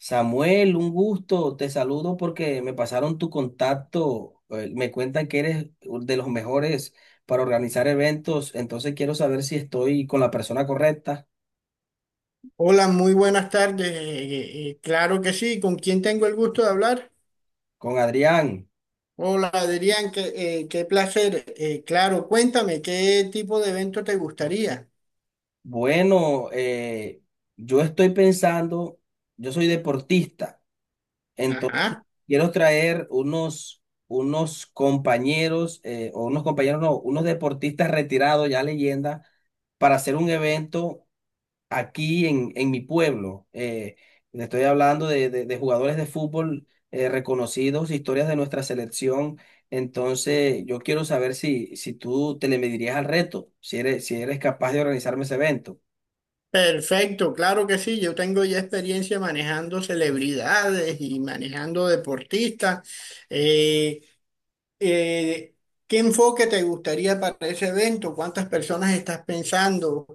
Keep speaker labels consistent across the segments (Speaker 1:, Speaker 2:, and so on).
Speaker 1: Samuel, un gusto, te saludo porque me pasaron tu contacto, me cuentan que eres de los mejores para organizar eventos, entonces quiero saber si estoy con la persona correcta,
Speaker 2: Hola, muy buenas tardes. Claro que sí. ¿Con quién tengo el gusto de hablar?
Speaker 1: con Adrián.
Speaker 2: Hola, Adrián, qué placer. Claro, cuéntame, ¿qué tipo de evento te gustaría?
Speaker 1: Bueno, yo estoy pensando, yo soy deportista, entonces
Speaker 2: Ajá.
Speaker 1: quiero traer unos compañeros, o unos compañeros, no, unos deportistas retirados, ya leyenda, para hacer un evento aquí en mi pueblo. Le estoy hablando de jugadores de fútbol reconocidos, historias de nuestra selección. Entonces, yo quiero saber si tú te le medirías al reto, si eres capaz de organizarme ese evento.
Speaker 2: Perfecto, claro que sí. Yo tengo ya experiencia manejando celebridades y manejando deportistas. Eh, eh, ¿Qué enfoque te gustaría para ese evento? ¿Cuántas personas estás pensando?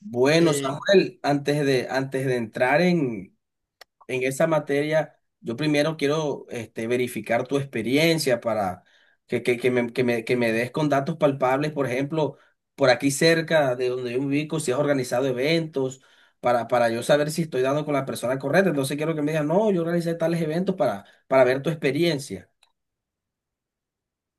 Speaker 1: Bueno,
Speaker 2: Eh,
Speaker 1: Samuel, antes de entrar en esa materia, yo primero quiero este, verificar tu experiencia para que me des con datos palpables, por ejemplo, por aquí cerca de donde yo me ubico, si has organizado eventos, para yo saber si estoy dando con la persona correcta. Entonces quiero que me digas, no, yo organicé tales eventos para ver tu experiencia.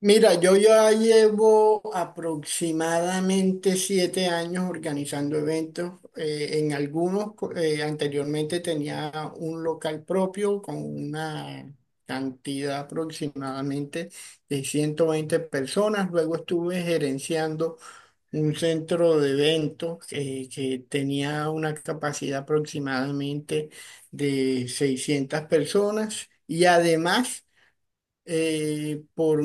Speaker 2: Mira, yo ya llevo aproximadamente 7 años organizando eventos. En algunos, anteriormente tenía un local propio con una cantidad aproximadamente de 120 personas. Luego estuve gerenciando un centro de eventos que tenía una capacidad aproximadamente de 600 personas. Y además... Eh, por,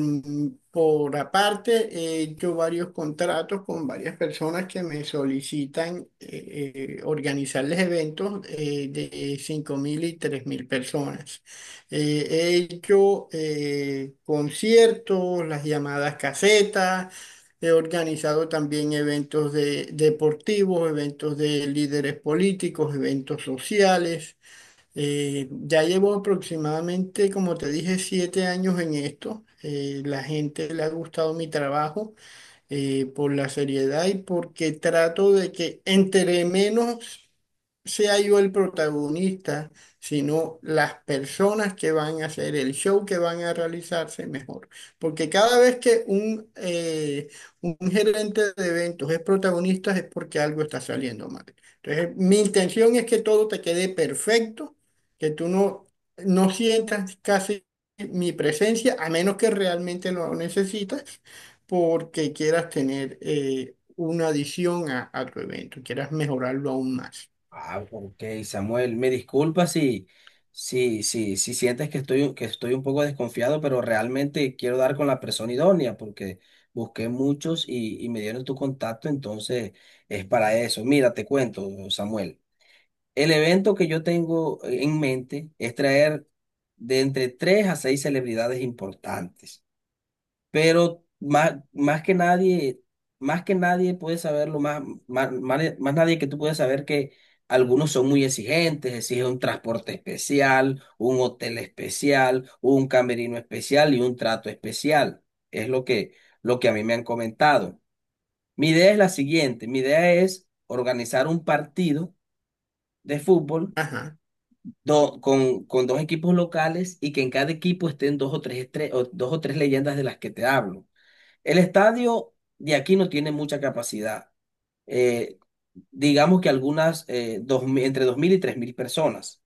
Speaker 2: por aparte, he hecho varios contratos con varias personas que me solicitan organizarles eventos de 5.000 y 3.000 personas. He hecho conciertos, las llamadas casetas, he organizado también eventos deportivos, eventos de líderes políticos, eventos sociales. Ya llevo aproximadamente, como te dije, 7 años en esto. La gente le ha gustado mi trabajo por la seriedad y porque trato de que entre menos sea yo el protagonista, sino las personas que van a hacer el show que van a realizarse mejor. Porque cada vez que un gerente de eventos es protagonista es porque algo está saliendo mal. Entonces, mi intención es que todo te quede perfecto, que tú no sientas casi mi presencia, a menos que realmente lo necesitas, porque quieras tener una adición a tu evento, quieras mejorarlo aún más.
Speaker 1: Ah, ok, Samuel, me disculpa si sientes que estoy un poco desconfiado, pero realmente quiero dar con la persona idónea porque busqué muchos y me dieron tu contacto, entonces es para eso. Mira, te cuento, Samuel. El evento que yo tengo en mente es traer de entre tres a seis celebridades importantes pero más que nadie puede saberlo, más nadie que tú puedes saber que algunos son muy exigentes, exigen un transporte especial, un hotel especial, un camerino especial y un trato especial. Es lo que a mí me han comentado. Mi idea es la siguiente, mi idea es organizar un partido de fútbol
Speaker 2: Ajá,
Speaker 1: con dos equipos locales y que en cada equipo estén dos o tres leyendas de las que te hablo. El estadio de aquí no tiene mucha capacidad. Eh, digamos que algunas, 2.000 entre 2.000 y 3.000 personas.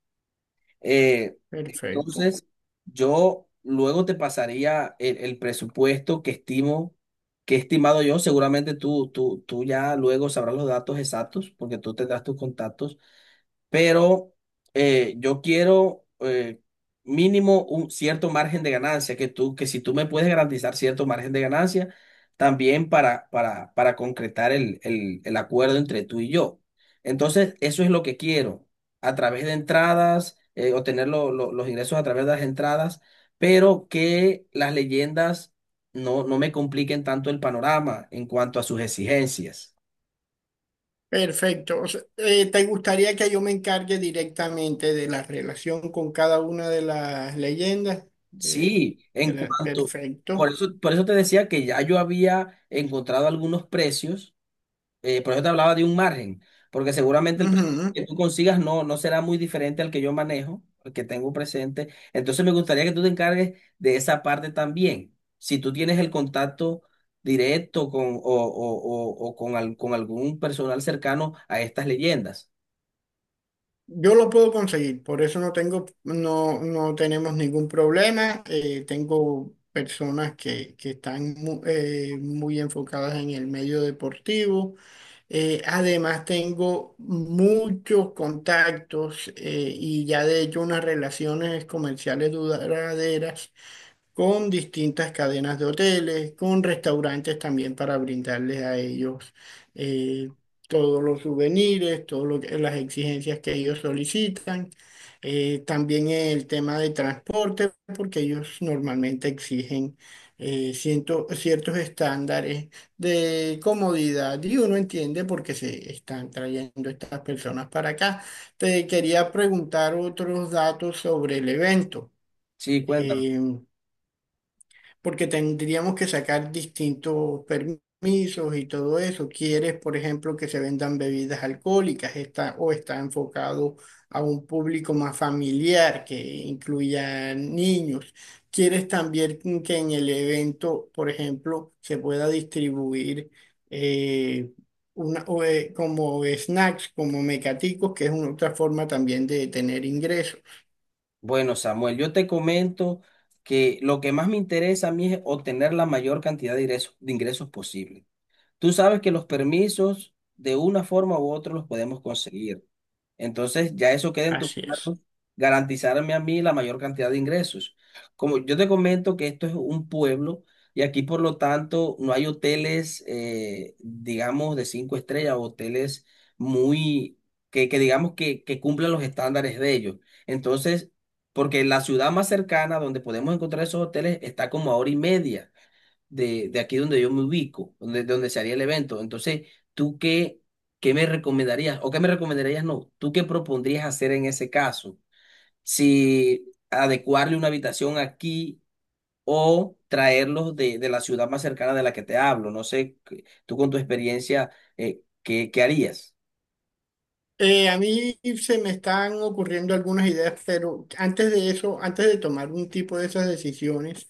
Speaker 1: Eh,
Speaker 2: perfecto.
Speaker 1: entonces, yo luego te pasaría el presupuesto que estimo, que he estimado yo. Seguramente tú ya luego sabrás los datos exactos, porque tú tendrás tus contactos pero yo quiero mínimo un cierto margen de ganancia, que si tú me puedes garantizar cierto margen de ganancia, también para concretar el acuerdo entre tú y yo. Entonces, eso es lo que quiero, a través de entradas, obtener los ingresos a través de las entradas, pero que las leyendas no me compliquen tanto el panorama en cuanto a sus exigencias.
Speaker 2: Perfecto. O sea, ¿te gustaría que yo me encargue directamente de la relación con cada una de las leyendas? De,
Speaker 1: Sí,
Speaker 2: de
Speaker 1: en
Speaker 2: la-
Speaker 1: cuanto, por
Speaker 2: perfecto.
Speaker 1: eso, por eso te decía que ya yo había encontrado algunos precios, por eso te hablaba de un margen, porque seguramente el precio
Speaker 2: Ujú.
Speaker 1: que tú consigas no será muy diferente al que yo manejo, al que tengo presente. Entonces me gustaría que tú te encargues de esa parte también. Si tú tienes el contacto directo con, o con, al- con algún personal cercano a estas leyendas.
Speaker 2: Yo lo puedo conseguir, por eso no tengo, no tenemos ningún problema. Tengo personas que están muy enfocadas en el medio deportivo. Además, tengo muchos contactos y ya de hecho unas relaciones comerciales duraderas con distintas cadenas de hoteles, con restaurantes también para brindarles a ellos eh, todos los souvenirs, todas las exigencias que ellos solicitan. También el tema de transporte, porque ellos normalmente exigen ciertos estándares de comodidad y uno entiende por qué se están trayendo estas personas para acá. Te quería preguntar otros datos sobre el evento.
Speaker 1: Sí, cuéntame.
Speaker 2: Em, Porque tendríamos que sacar distintos permisos y todo eso. ¿Quieres, por ejemplo, que se vendan bebidas alcohólicas está, o está enfocado a un público más familiar que incluya niños? ¿Quieres también que en el evento, por ejemplo, se pueda distribuir eh, como snacks, como mecaticos, que es una otra forma también de tener ingresos?
Speaker 1: Bueno, Samuel, yo te comento que lo que más me interesa a mí es obtener la mayor cantidad de ingresos posible. Tú sabes que los permisos, de una forma u otra, los podemos conseguir. Entonces, ya eso queda en tus
Speaker 2: Así es.
Speaker 1: manos, garantizarme a mí la mayor cantidad de ingresos. Como yo te comento que esto es un pueblo y aquí, por lo tanto, no hay hoteles, digamos, de cinco estrellas, o hoteles muy, que digamos que cumplan los estándares de ellos. Entonces, porque la ciudad más cercana donde podemos encontrar esos hoteles está como a hora y media de aquí donde yo me ubico, donde se haría el evento. Entonces, ¿tú qué me recomendarías? ¿O qué me recomendarías no? ¿Tú qué propondrías hacer en ese caso? Si adecuarle una habitación aquí o traerlos de la ciudad más cercana de la que te hablo. No sé, que- tú con tu experiencia, ¿qué harías?
Speaker 2: A mí se me están ocurriendo algunas ideas, pero antes de eso, antes de tomar un tipo de esas decisiones,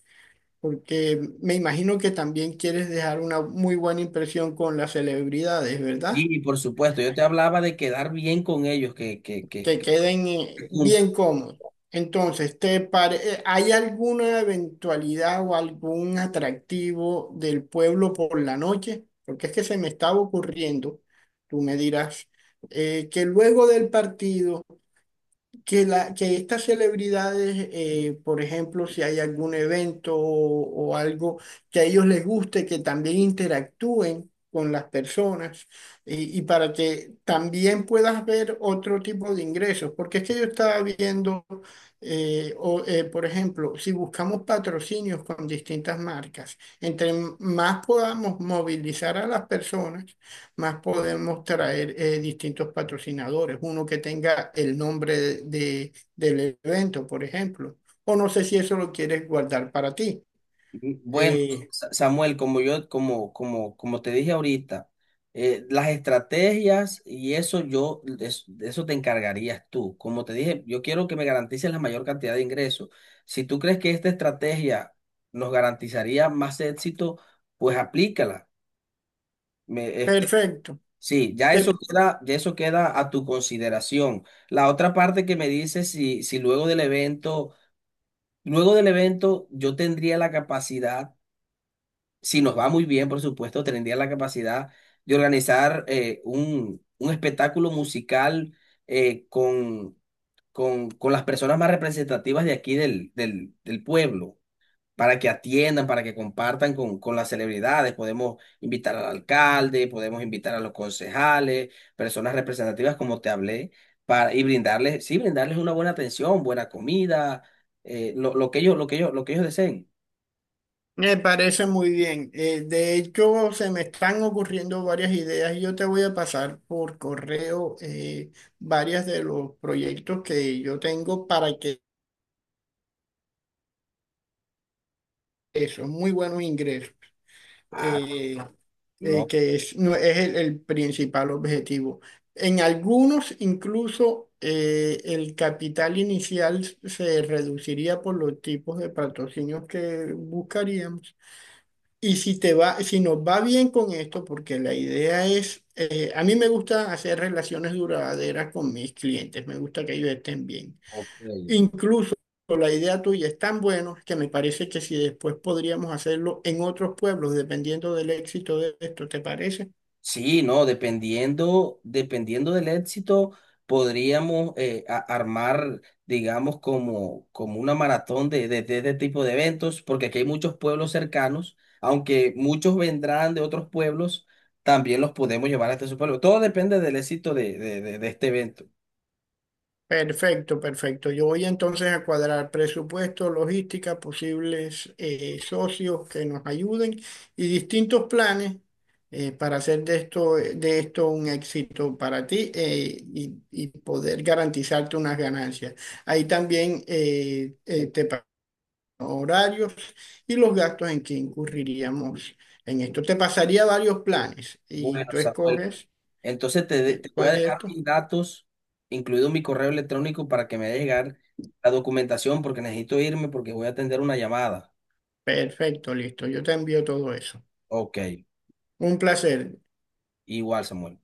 Speaker 2: porque me imagino que también quieres dejar una muy buena impresión con las celebridades, ¿verdad?
Speaker 1: Sí, por supuesto, yo te hablaba de quedar bien con ellos,
Speaker 2: Que
Speaker 1: que
Speaker 2: queden bien cómodos. Entonces, ¿hay alguna eventualidad o algún atractivo del pueblo por la noche? Porque es que se me estaba ocurriendo, tú me dirás, que luego del partido que estas celebridades, por ejemplo, si hay algún evento o algo que a ellos les guste, que también interactúen con las personas y para que también puedas ver otro tipo de ingresos. Porque es que yo estaba viendo, por ejemplo, si buscamos patrocinios con distintas marcas, entre más podamos movilizar a las personas, más podemos traer distintos patrocinadores, uno que tenga el nombre del evento, por ejemplo. O no sé si eso lo quieres guardar para ti.
Speaker 1: Bueno,
Speaker 2: Eh,
Speaker 1: Samuel, como yo, como, como, como te dije ahorita, las estrategias y eso yo, de eso te encargarías tú. Como te dije, yo quiero que me garantices la mayor cantidad de ingresos. Si tú crees que esta estrategia nos garantizaría más éxito, pues aplícala. Este,
Speaker 2: Perfecto,
Speaker 1: sí, ya eso
Speaker 2: Te-
Speaker 1: queda, ya eso queda a tu consideración. La otra parte que me dices si luego del evento, yo tendría la capacidad si nos va muy bien, por supuesto, tendría la capacidad de organizar un espectáculo musical eh, con, con las personas más representativas de aquí del pueblo, para que atiendan, para que compartan con las celebridades. Podemos invitar al alcalde, podemos invitar a los concejales, personas representativas, como te hablé, y brindarles, sí, brindarles una buena atención, buena comida, lo que ellos, lo que ellos, lo que ellos deseen.
Speaker 2: me parece muy bien. De hecho, se me están ocurriendo varias ideas y yo te voy a pasar por correo varias de los proyectos que yo tengo para que son muy buenos ingresos.
Speaker 1: Ah,
Speaker 2: eh,
Speaker 1: no.
Speaker 2: que es, no, es el principal objetivo. En algunos incluso el capital inicial se reduciría por los tipos de patrocinios que buscaríamos. Y si te va, si nos va bien con esto, porque la idea es, a mí me gusta hacer relaciones duraderas con mis clientes, me gusta que ellos estén bien.
Speaker 1: Ok.
Speaker 2: Incluso la idea tuya es tan buena que me parece que si después podríamos hacerlo en otros pueblos, dependiendo del éxito de esto, ¿te parece?
Speaker 1: Sí, no, dependiendo del éxito, podríamos armar, digamos, como una maratón de este tipo de eventos, porque aquí hay muchos pueblos cercanos, aunque muchos vendrán de otros pueblos, también los podemos llevar hasta su pueblo. Todo depende del éxito de este evento.
Speaker 2: Perfecto, perfecto. Yo voy entonces a cuadrar presupuesto, logística, posibles socios que nos ayuden y distintos planes para hacer de esto un éxito para ti y poder garantizarte unas ganancias. Ahí también te horarios y los gastos en que incurriríamos en esto. Te pasaría varios planes y
Speaker 1: Bueno,
Speaker 2: tú
Speaker 1: Samuel,
Speaker 2: escoges
Speaker 1: entonces te, de- te voy a
Speaker 2: cuál de
Speaker 1: dejar
Speaker 2: estos.
Speaker 1: mis datos, incluido mi correo electrónico, para que me haga llegar la documentación, porque necesito irme, porque voy a atender una llamada.
Speaker 2: Perfecto, listo. Yo te envío todo eso.
Speaker 1: Ok.
Speaker 2: Un placer.
Speaker 1: Igual, Samuel.